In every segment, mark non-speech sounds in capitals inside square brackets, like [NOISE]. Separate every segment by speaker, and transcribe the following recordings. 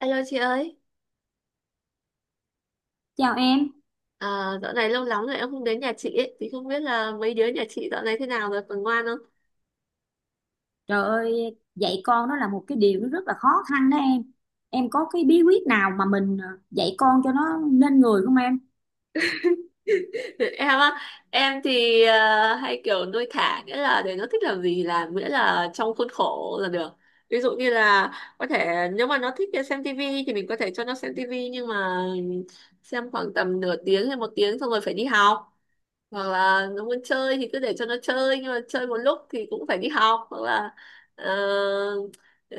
Speaker 1: Alo chị ơi,
Speaker 2: Chào em.
Speaker 1: à, dạo này lâu lắm rồi em không đến nhà chị ấy. Thì không biết là mấy đứa nhà chị dạo này thế nào rồi, còn ngoan không?
Speaker 2: Trời ơi, dạy con đó là một cái điều nó rất là khó khăn đó em. Em có cái bí quyết nào mà mình dạy con cho nó nên người không em?
Speaker 1: [LAUGHS] Em á, em thì hay kiểu nuôi thả, nghĩa là để nó thích làm gì làm, miễn là trong khuôn khổ là được. Ví dụ như là có thể nếu mà nó thích xem tivi thì mình có thể cho nó xem tivi, nhưng mà xem khoảng tầm nửa tiếng hay một tiếng xong rồi phải đi học. Hoặc là nó muốn chơi thì cứ để cho nó chơi, nhưng mà chơi một lúc thì cũng phải đi học, hoặc là ờ,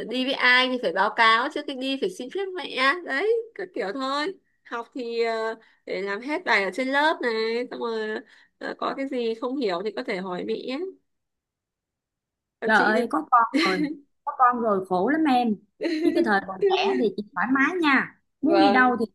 Speaker 1: đi với ai thì phải báo cáo, trước khi đi phải xin phép mẹ, đấy các kiểu thôi. Học thì để làm hết bài ở trên lớp này, xong rồi có cái gì không hiểu thì có thể hỏi mẹ, còn
Speaker 2: Trời
Speaker 1: chị thì
Speaker 2: ơi, có con rồi, khổ lắm em. Chứ cái
Speaker 1: [LAUGHS]
Speaker 2: thời còn trẻ thì chị thoải mái nha. Muốn đi
Speaker 1: vâng,
Speaker 2: đâu thì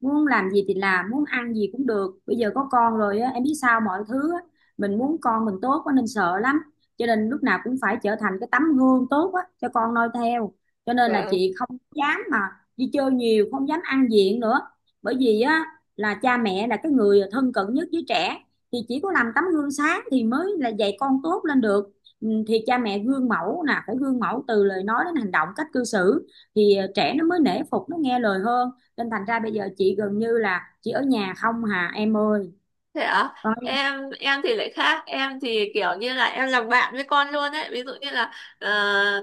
Speaker 2: muốn làm gì thì làm, muốn ăn gì cũng được, bây giờ có con rồi á em biết sao mọi thứ á, mình muốn con mình tốt quá nên sợ lắm, cho nên lúc nào cũng phải trở thành cái tấm gương tốt á cho con noi theo, cho nên là
Speaker 1: vâng.
Speaker 2: chị không dám mà đi chơi nhiều, không dám ăn diện nữa, bởi vì á là cha mẹ là cái người thân cận nhất với trẻ thì chỉ có làm tấm gương sáng thì mới là dạy con tốt lên được. Ừ, thì cha mẹ gương mẫu nè, phải gương mẫu từ lời nói đến hành động, cách cư xử thì trẻ nó mới nể phục, nó nghe lời hơn, nên thành ra bây giờ chị gần như là chị ở nhà không hà em ơi.
Speaker 1: Thế ạ?
Speaker 2: Ôi,
Speaker 1: Em thì lại khác, em thì kiểu như là em làm bạn với con luôn ấy, ví dụ như là ờ,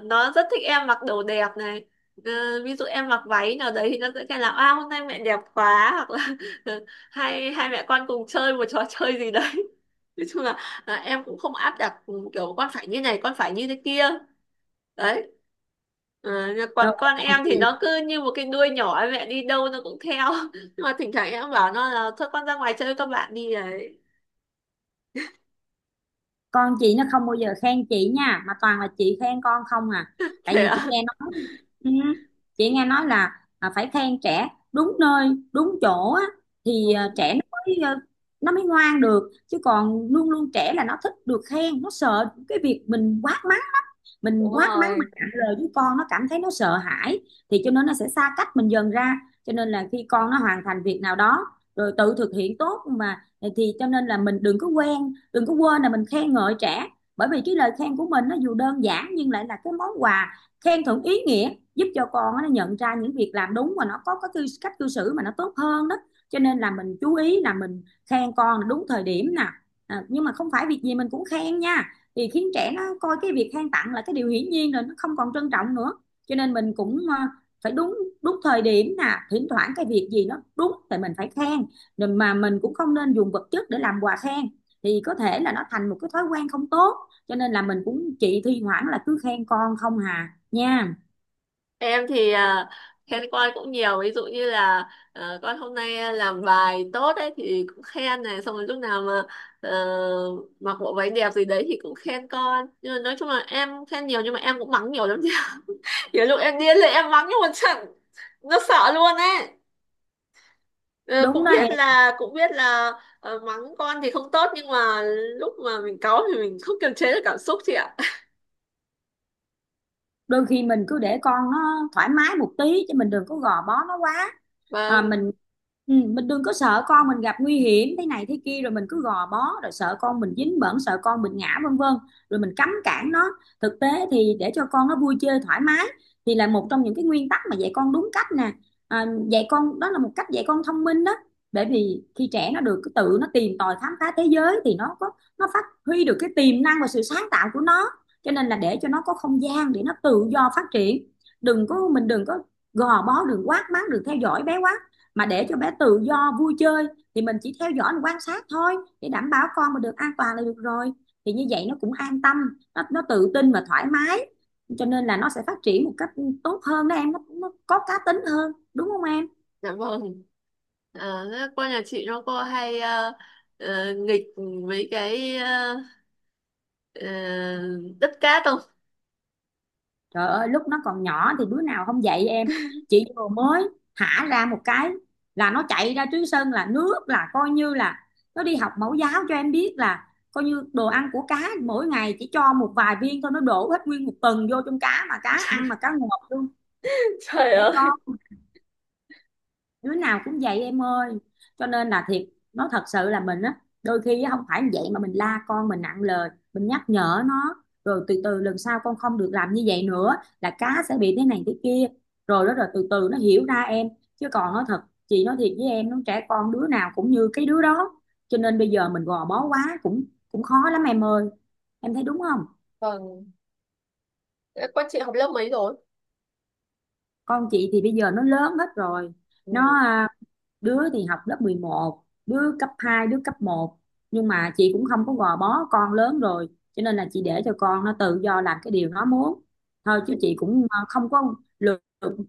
Speaker 1: nó rất thích em mặc đồ đẹp này. Ờ, ví dụ em mặc váy nào đấy thì nó sẽ kêu là à, hôm nay mẹ đẹp quá, hoặc là [LAUGHS] hai hai mẹ con cùng chơi một trò chơi gì đấy. [LAUGHS] Nói chung là em cũng không áp đặt, ừ, kiểu con phải như này, con phải như thế kia. Đấy. Ờ, nhưng
Speaker 2: trời
Speaker 1: còn
Speaker 2: ơi,
Speaker 1: con
Speaker 2: ở nhà
Speaker 1: em thì
Speaker 2: chị,
Speaker 1: nó cứ như một cái đuôi nhỏ, mẹ đi đâu nó cũng theo, [LAUGHS] nhưng mà thỉnh thoảng em bảo nó là thôi con ra ngoài chơi với các bạn đi đấy.
Speaker 2: con chị nó không bao giờ khen chị nha, mà toàn là chị khen con không à. Tại
Speaker 1: Thế
Speaker 2: vì
Speaker 1: ạ.
Speaker 2: ừ, chị nghe nói là phải khen trẻ đúng nơi đúng chỗ á, thì
Speaker 1: Ừ,
Speaker 2: trẻ nó mới nó mới ngoan được, chứ còn luôn luôn trẻ là nó thích được khen, nó sợ cái việc mình quát mắng lắm. Mình
Speaker 1: đúng
Speaker 2: quát mắng mà
Speaker 1: rồi.
Speaker 2: cạn lời với con, nó cảm thấy nó sợ hãi, thì cho nên nó sẽ xa cách mình dần ra. Cho nên là khi con nó hoàn thành việc nào đó rồi tự thực hiện tốt mà, thì cho nên là mình đừng có quên là mình khen ngợi trẻ, bởi vì cái lời khen của mình nó dù đơn giản nhưng lại là cái món quà khen thưởng ý nghĩa, giúp cho con nó nhận ra những việc làm đúng, và nó có cái cách cư xử mà nó tốt hơn đó. Cho nên là mình chú ý là mình khen con đúng thời điểm nè. À, nhưng mà không phải việc gì mình cũng khen nha, thì khiến trẻ nó coi cái việc khen tặng là cái điều hiển nhiên rồi, nó không còn trân trọng nữa. Cho nên mình cũng phải đúng đúng thời điểm nè, thỉnh thoảng cái việc gì nó đúng thì mình phải khen, rồi mà mình cũng không nên dùng vật chất để làm quà khen, thì có thể là nó thành một cái thói quen không tốt. Cho nên là mình cũng, chị thi thoảng là cứ khen con không hà nha.
Speaker 1: Em thì khen con cũng nhiều, ví dụ như là ờ, con hôm nay làm bài tốt ấy thì cũng khen này, xong rồi lúc nào mà ờ, mặc bộ váy đẹp gì đấy thì cũng khen con, nhưng mà nói chung là em khen nhiều, nhưng mà em cũng mắng nhiều lắm chứ. [LAUGHS] Nhiều lúc em điên lên em mắng, nhưng mà chẳng nó sợ luôn ấy. Ờ,
Speaker 2: Đúng
Speaker 1: cũng
Speaker 2: đó em.
Speaker 1: biết là, cũng biết là ờ, mắng con thì không tốt, nhưng mà lúc mà mình cáu thì mình không kiềm chế được cảm xúc chị ạ.
Speaker 2: Đôi khi mình cứ để con nó thoải mái một tí, chứ mình đừng có gò bó nó quá. à,
Speaker 1: Vâng.
Speaker 2: mình Ừ, mình đừng có sợ con mình gặp nguy hiểm thế này thế kia rồi mình cứ gò bó, rồi sợ con mình dính bẩn, sợ con mình ngã, vân vân, rồi mình cấm cản nó. Thực tế thì để cho con nó vui chơi thoải mái thì là một trong những cái nguyên tắc mà dạy con đúng cách nè. À, dạy con đó là một cách dạy con thông minh đó, bởi vì khi trẻ nó được tự nó tìm tòi khám phá thế giới thì nó có, nó phát huy được cái tiềm năng và sự sáng tạo của nó. Cho nên là để cho nó có không gian để nó tự do phát triển, đừng có mình đừng có gò bó, đừng quát mắng, đừng theo dõi bé quá, mà để cho bé tự do vui chơi. Thì mình chỉ theo dõi, mình quan sát thôi, để đảm bảo con mà được an toàn là được rồi. Thì như vậy nó cũng an tâm, nó tự tin và thoải mái, cho nên là nó sẽ phát triển một cách tốt hơn đó em, nó có cá tính hơn, đúng không em?
Speaker 1: Dạ vâng. À, cô nhà chị nó cô hay nghịch mấy cái ờ, đất cát không?
Speaker 2: Trời ơi lúc nó còn nhỏ thì đứa nào không dạy em. Chị vừa mới thả ra một cái là nó chạy ra Túy Sơn, là nước là coi như là, nó đi học mẫu giáo cho em biết là, coi như đồ ăn của cá mỗi ngày chỉ cho một vài viên thôi, nó đổ hết nguyên một tuần vô trong cá, mà cá ăn mà
Speaker 1: [LAUGHS]
Speaker 2: cá ngọt luôn.
Speaker 1: Trời, trời
Speaker 2: Trẻ
Speaker 1: ơi.
Speaker 2: con đứa nào cũng vậy em ơi, cho nên là thiệt, nói thật sự là mình á, đôi khi á, không phải như vậy mà mình la con mình nặng lời, mình nhắc nhở nó rồi từ từ lần sau con không được làm như vậy nữa, là cá sẽ bị thế này thế kia, rồi đó rồi từ từ nó hiểu ra em. Chứ còn nói thật, chị nói thiệt với em, nó trẻ con đứa nào cũng như cái đứa đó, cho nên bây giờ mình gò bó quá cũng cũng khó lắm em ơi, em thấy đúng không?
Speaker 1: Vâng. Thế con chị học lớp mấy rồi?
Speaker 2: Con chị thì bây giờ nó lớn hết rồi,
Speaker 1: Ừ.
Speaker 2: nó đứa thì học lớp 11, đứa cấp 2, đứa cấp một, nhưng mà chị cũng không có gò bó, con lớn rồi, cho nên là chị để cho con nó tự do làm cái điều nó muốn thôi. Chứ chị cũng không có lừa,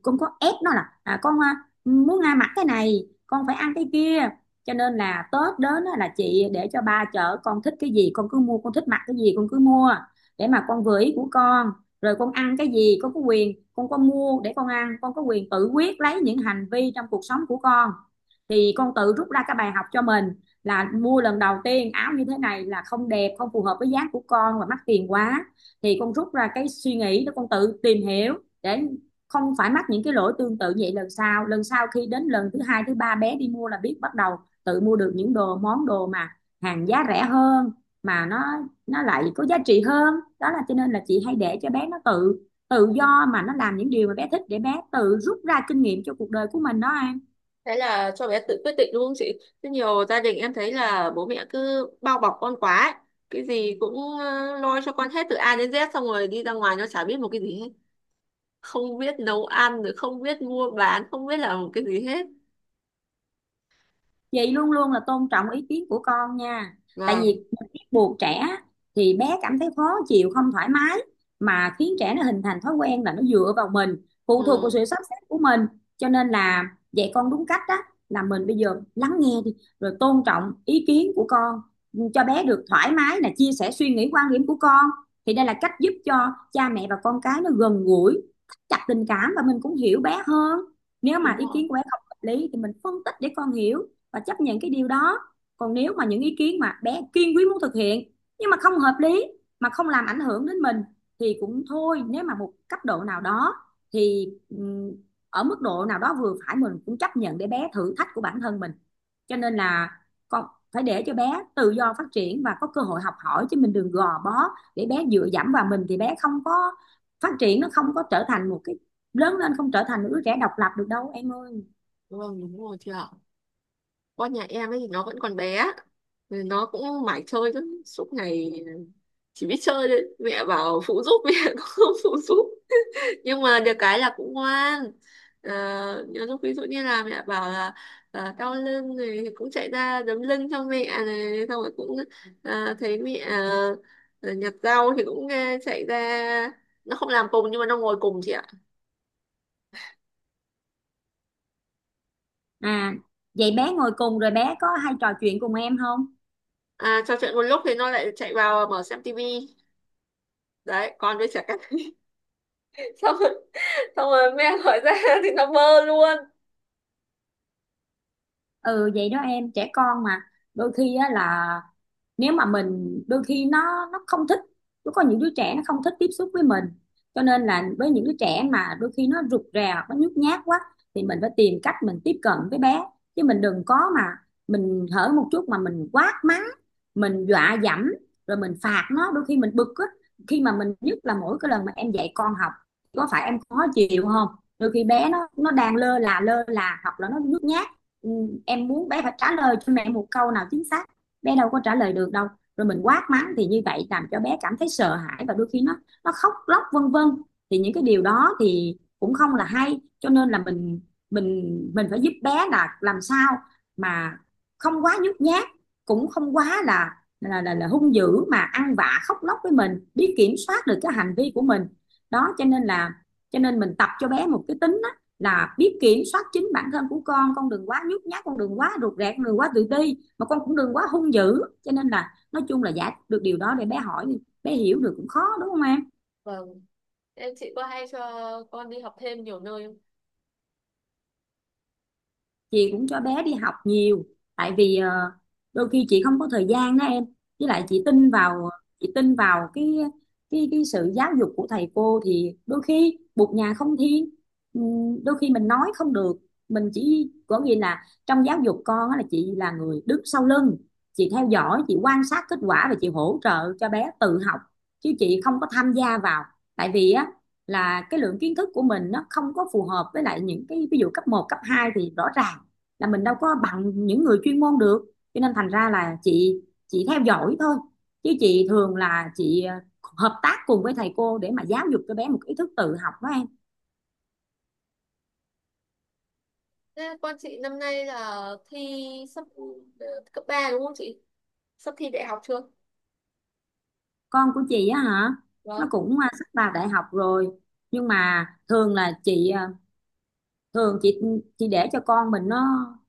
Speaker 2: cũng có ép nó là con muốn ăn mặc cái này con phải ăn cái kia. Cho nên là Tết đến á, là chị để cho ba chở con, thích cái gì con cứ mua, con thích mặc cái gì con cứ mua, để mà con vừa ý của con. Rồi con ăn cái gì con có quyền, con có mua để con ăn, con có quyền tự quyết lấy những hành vi trong cuộc sống của con, thì con tự rút ra cái bài học cho mình, là mua lần đầu tiên áo như thế này là không đẹp, không phù hợp với dáng của con và mắc tiền quá, thì con rút ra cái suy nghĩ đó, con tự tìm hiểu để không phải mắc những cái lỗi tương tự vậy lần sau khi đến lần thứ hai thứ ba bé đi mua là biết bắt đầu tự mua được những món đồ mà hàng giá rẻ hơn, mà nó lại có giá trị hơn đó. Là cho nên là chị hay để cho bé nó tự tự do mà nó làm những điều mà bé thích, để bé tự rút ra kinh nghiệm cho cuộc đời của mình đó An.
Speaker 1: Thế là cho bé tự quyết định đúng không chị? Thế nhiều gia đình em thấy là bố mẹ cứ bao bọc con quá ấy. Cái gì cũng lo cho con hết từ A đến Z, xong rồi đi ra ngoài nó chả biết một cái gì hết. Không biết nấu ăn, rồi không biết mua bán, không biết làm một cái gì hết.
Speaker 2: Chị luôn luôn là tôn trọng ý kiến của con nha, tại vì
Speaker 1: Vâng.
Speaker 2: ép buộc trẻ thì bé cảm thấy khó chịu, không thoải mái, mà khiến trẻ nó hình thành thói quen là nó dựa vào mình, phụ thuộc vào
Speaker 1: Ừ.
Speaker 2: sự sắp xếp của mình. Cho nên là dạy con đúng cách đó là mình bây giờ lắng nghe đi, rồi tôn trọng ý kiến của con, cho bé được thoải mái là chia sẻ suy nghĩ, quan điểm của con. Thì đây là cách giúp cho cha mẹ và con cái nó gần gũi, thắt chặt tình cảm và mình cũng hiểu bé hơn. Nếu mà
Speaker 1: Đúng
Speaker 2: ý
Speaker 1: rồi.
Speaker 2: kiến của bé không hợp lý thì mình phân tích để con hiểu và chấp nhận cái điều đó. Còn nếu mà những ý kiến mà bé kiên quyết muốn thực hiện nhưng mà không hợp lý, mà không làm ảnh hưởng đến mình, thì cũng thôi, nếu mà một cấp độ nào đó, thì ở mức độ nào đó vừa phải mình cũng chấp nhận để bé thử thách của bản thân mình. Cho nên là con phải để cho bé tự do phát triển và có cơ hội học hỏi, chứ mình đừng gò bó để bé dựa dẫm vào mình, thì bé không có phát triển, nó không có trở thành một cái, lớn lên không trở thành một đứa trẻ độc lập được đâu em ơi.
Speaker 1: Vâng, đúng rồi chị ạ. Con nhà em ấy thì nó vẫn còn bé. Nên nó cũng mải chơi lắm. Suốt ngày chỉ biết chơi thôi. Mẹ bảo phụ giúp, [LAUGHS] mẹ cũng không phụ giúp. Nhưng mà được cái là cũng ngoan. À, nhiều lúc ví dụ như là mẹ bảo là à, đau lưng này thì cũng chạy ra đấm lưng cho mẹ này. Xong rồi cũng à, thấy mẹ à, nhặt rau thì cũng à, chạy ra. Nó không làm cùng nhưng mà nó ngồi cùng chị ạ.
Speaker 2: À, vậy bé ngồi cùng rồi bé có hay trò chuyện cùng em không?
Speaker 1: À, trò chuyện một lúc thì nó lại chạy vào mở xem tivi. Đấy, con với trẻ con. [LAUGHS] Xong, xong rồi mẹ hỏi ra [LAUGHS] thì nó bơ luôn.
Speaker 2: Ừ vậy đó em, trẻ con mà, đôi khi á là, nếu mà mình đôi khi nó không thích, nó có những đứa trẻ nó không thích tiếp xúc với mình, cho nên là với những đứa trẻ mà đôi khi nó rụt rè hoặc nó nhút nhát quá, thì mình phải tìm cách mình tiếp cận với bé, chứ mình đừng có mà mình hở một chút mà mình quát mắng, mình dọa dẫm, rồi mình phạt nó. Đôi khi mình bực á, khi mà mình, nhất là mỗi cái lần mà em dạy con học, có phải em khó chịu không? Đôi khi bé nó đang lơ là hoặc là nó nhút nhát. ừ, em muốn bé phải trả lời cho mẹ một câu nào chính xác, bé đâu có trả lời được đâu. Rồi mình quát mắng thì như vậy làm cho bé cảm thấy sợ hãi, và đôi khi nó khóc lóc vân vân. Thì những cái điều đó thì cũng không là hay, cho nên là mình phải giúp bé là làm sao mà không quá nhút nhát, cũng không quá là là hung dữ mà ăn vạ khóc lóc, với mình biết kiểm soát được cái hành vi của mình. Đó cho nên là, cho nên mình tập cho bé một cái tính là biết kiểm soát chính bản thân của con. Con đừng quá nhút nhát, con đừng quá rụt rè, con đừng quá tự ti, mà con cũng đừng quá hung dữ. Cho nên là nói chung là giải được điều đó để bé hỏi, bé hiểu được cũng khó, đúng không em?
Speaker 1: Vâng. Em, chị có hay cho con đi học thêm nhiều nơi không?
Speaker 2: Chị cũng cho bé đi học nhiều, tại vì đôi khi chị không có thời gian đó em. Với
Speaker 1: Ừ.
Speaker 2: lại chị tin vào, chị tin vào cái sự giáo dục của thầy cô, thì đôi khi bụt nhà không thiên. Đôi khi mình nói không được, mình chỉ có nghĩa là trong giáo dục con á, là chị là người đứng sau lưng. Chị theo dõi, chị quan sát kết quả và chị hỗ trợ cho bé tự học, chứ chị không có tham gia vào. Tại vì á, là cái lượng kiến thức của mình nó không có phù hợp, với lại những cái ví dụ cấp một cấp 2 thì rõ ràng là mình đâu có bằng những người chuyên môn được. Cho nên thành ra là chị theo dõi thôi, chứ chị thường là chị hợp tác cùng với thầy cô để mà giáo dục cho bé một ý thức tự học đó em.
Speaker 1: Thế con chị năm nay là thi sắp ờ, cấp 3 đúng không chị? Sắp thi đại học chưa?
Speaker 2: Con của chị á hả, nó
Speaker 1: Vâng.
Speaker 2: cũng sắp vào đại học rồi. Nhưng mà thường là chị thường chị để cho con mình nó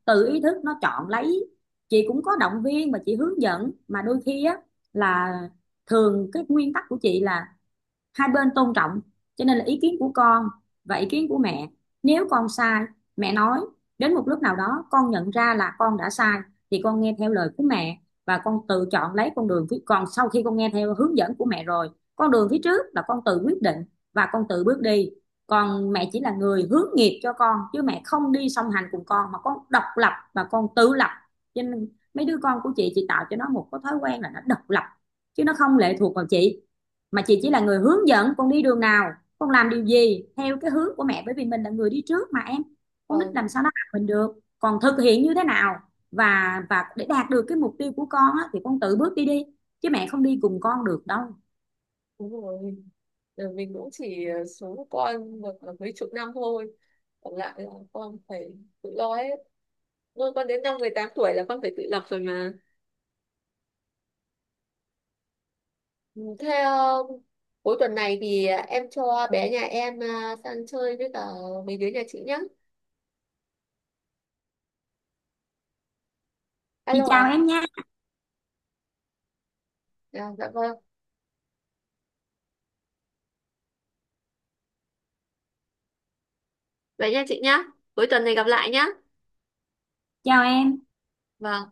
Speaker 2: tự ý thức nó chọn lấy. Chị cũng có động viên và chị hướng dẫn, mà đôi khi á, là thường cái nguyên tắc của chị là hai bên tôn trọng. Cho nên là ý kiến của con và ý kiến của mẹ, nếu con sai, mẹ nói, đến một lúc nào đó con nhận ra là con đã sai thì con nghe theo lời của mẹ. Và con tự chọn lấy con đường phía còn sau khi con nghe theo hướng dẫn của mẹ rồi, con đường phía trước là con tự quyết định và con tự bước đi. Còn mẹ chỉ là người hướng nghiệp cho con, chứ mẹ không đi song hành cùng con, mà con độc lập và con tự lập. Cho nên mấy đứa con của chị tạo cho nó một cái thói quen là nó độc lập, chứ nó không lệ thuộc vào chị. Mà chị chỉ là người hướng dẫn con đi đường nào, con làm điều gì theo cái hướng của mẹ, bởi vì mình là người đi trước mà em. Con nít
Speaker 1: Vâng.
Speaker 2: làm sao nó học mình được. Còn thực hiện như thế nào và để đạt được cái mục tiêu của con á, thì con tự bước đi đi, chứ mẹ không đi cùng con được đâu.
Speaker 1: Đúng rồi. Ờ, mình cũng chỉ số của con được là mấy chục năm thôi. Còn lại là con phải tự lo hết. Nuôi con đến năm 18 tuổi là con phải tự lập rồi mà. Ừ, thế cuối tuần này thì em cho bé nhà em sang chơi với cả mấy đứa nhà chị nhé.
Speaker 2: Chị
Speaker 1: Alo
Speaker 2: chào
Speaker 1: ạ.
Speaker 2: em nha.
Speaker 1: Dạ, dạ vâng. Vậy nha chị nhá. Cuối tuần này gặp lại nhá.
Speaker 2: Chào em.
Speaker 1: Vâng.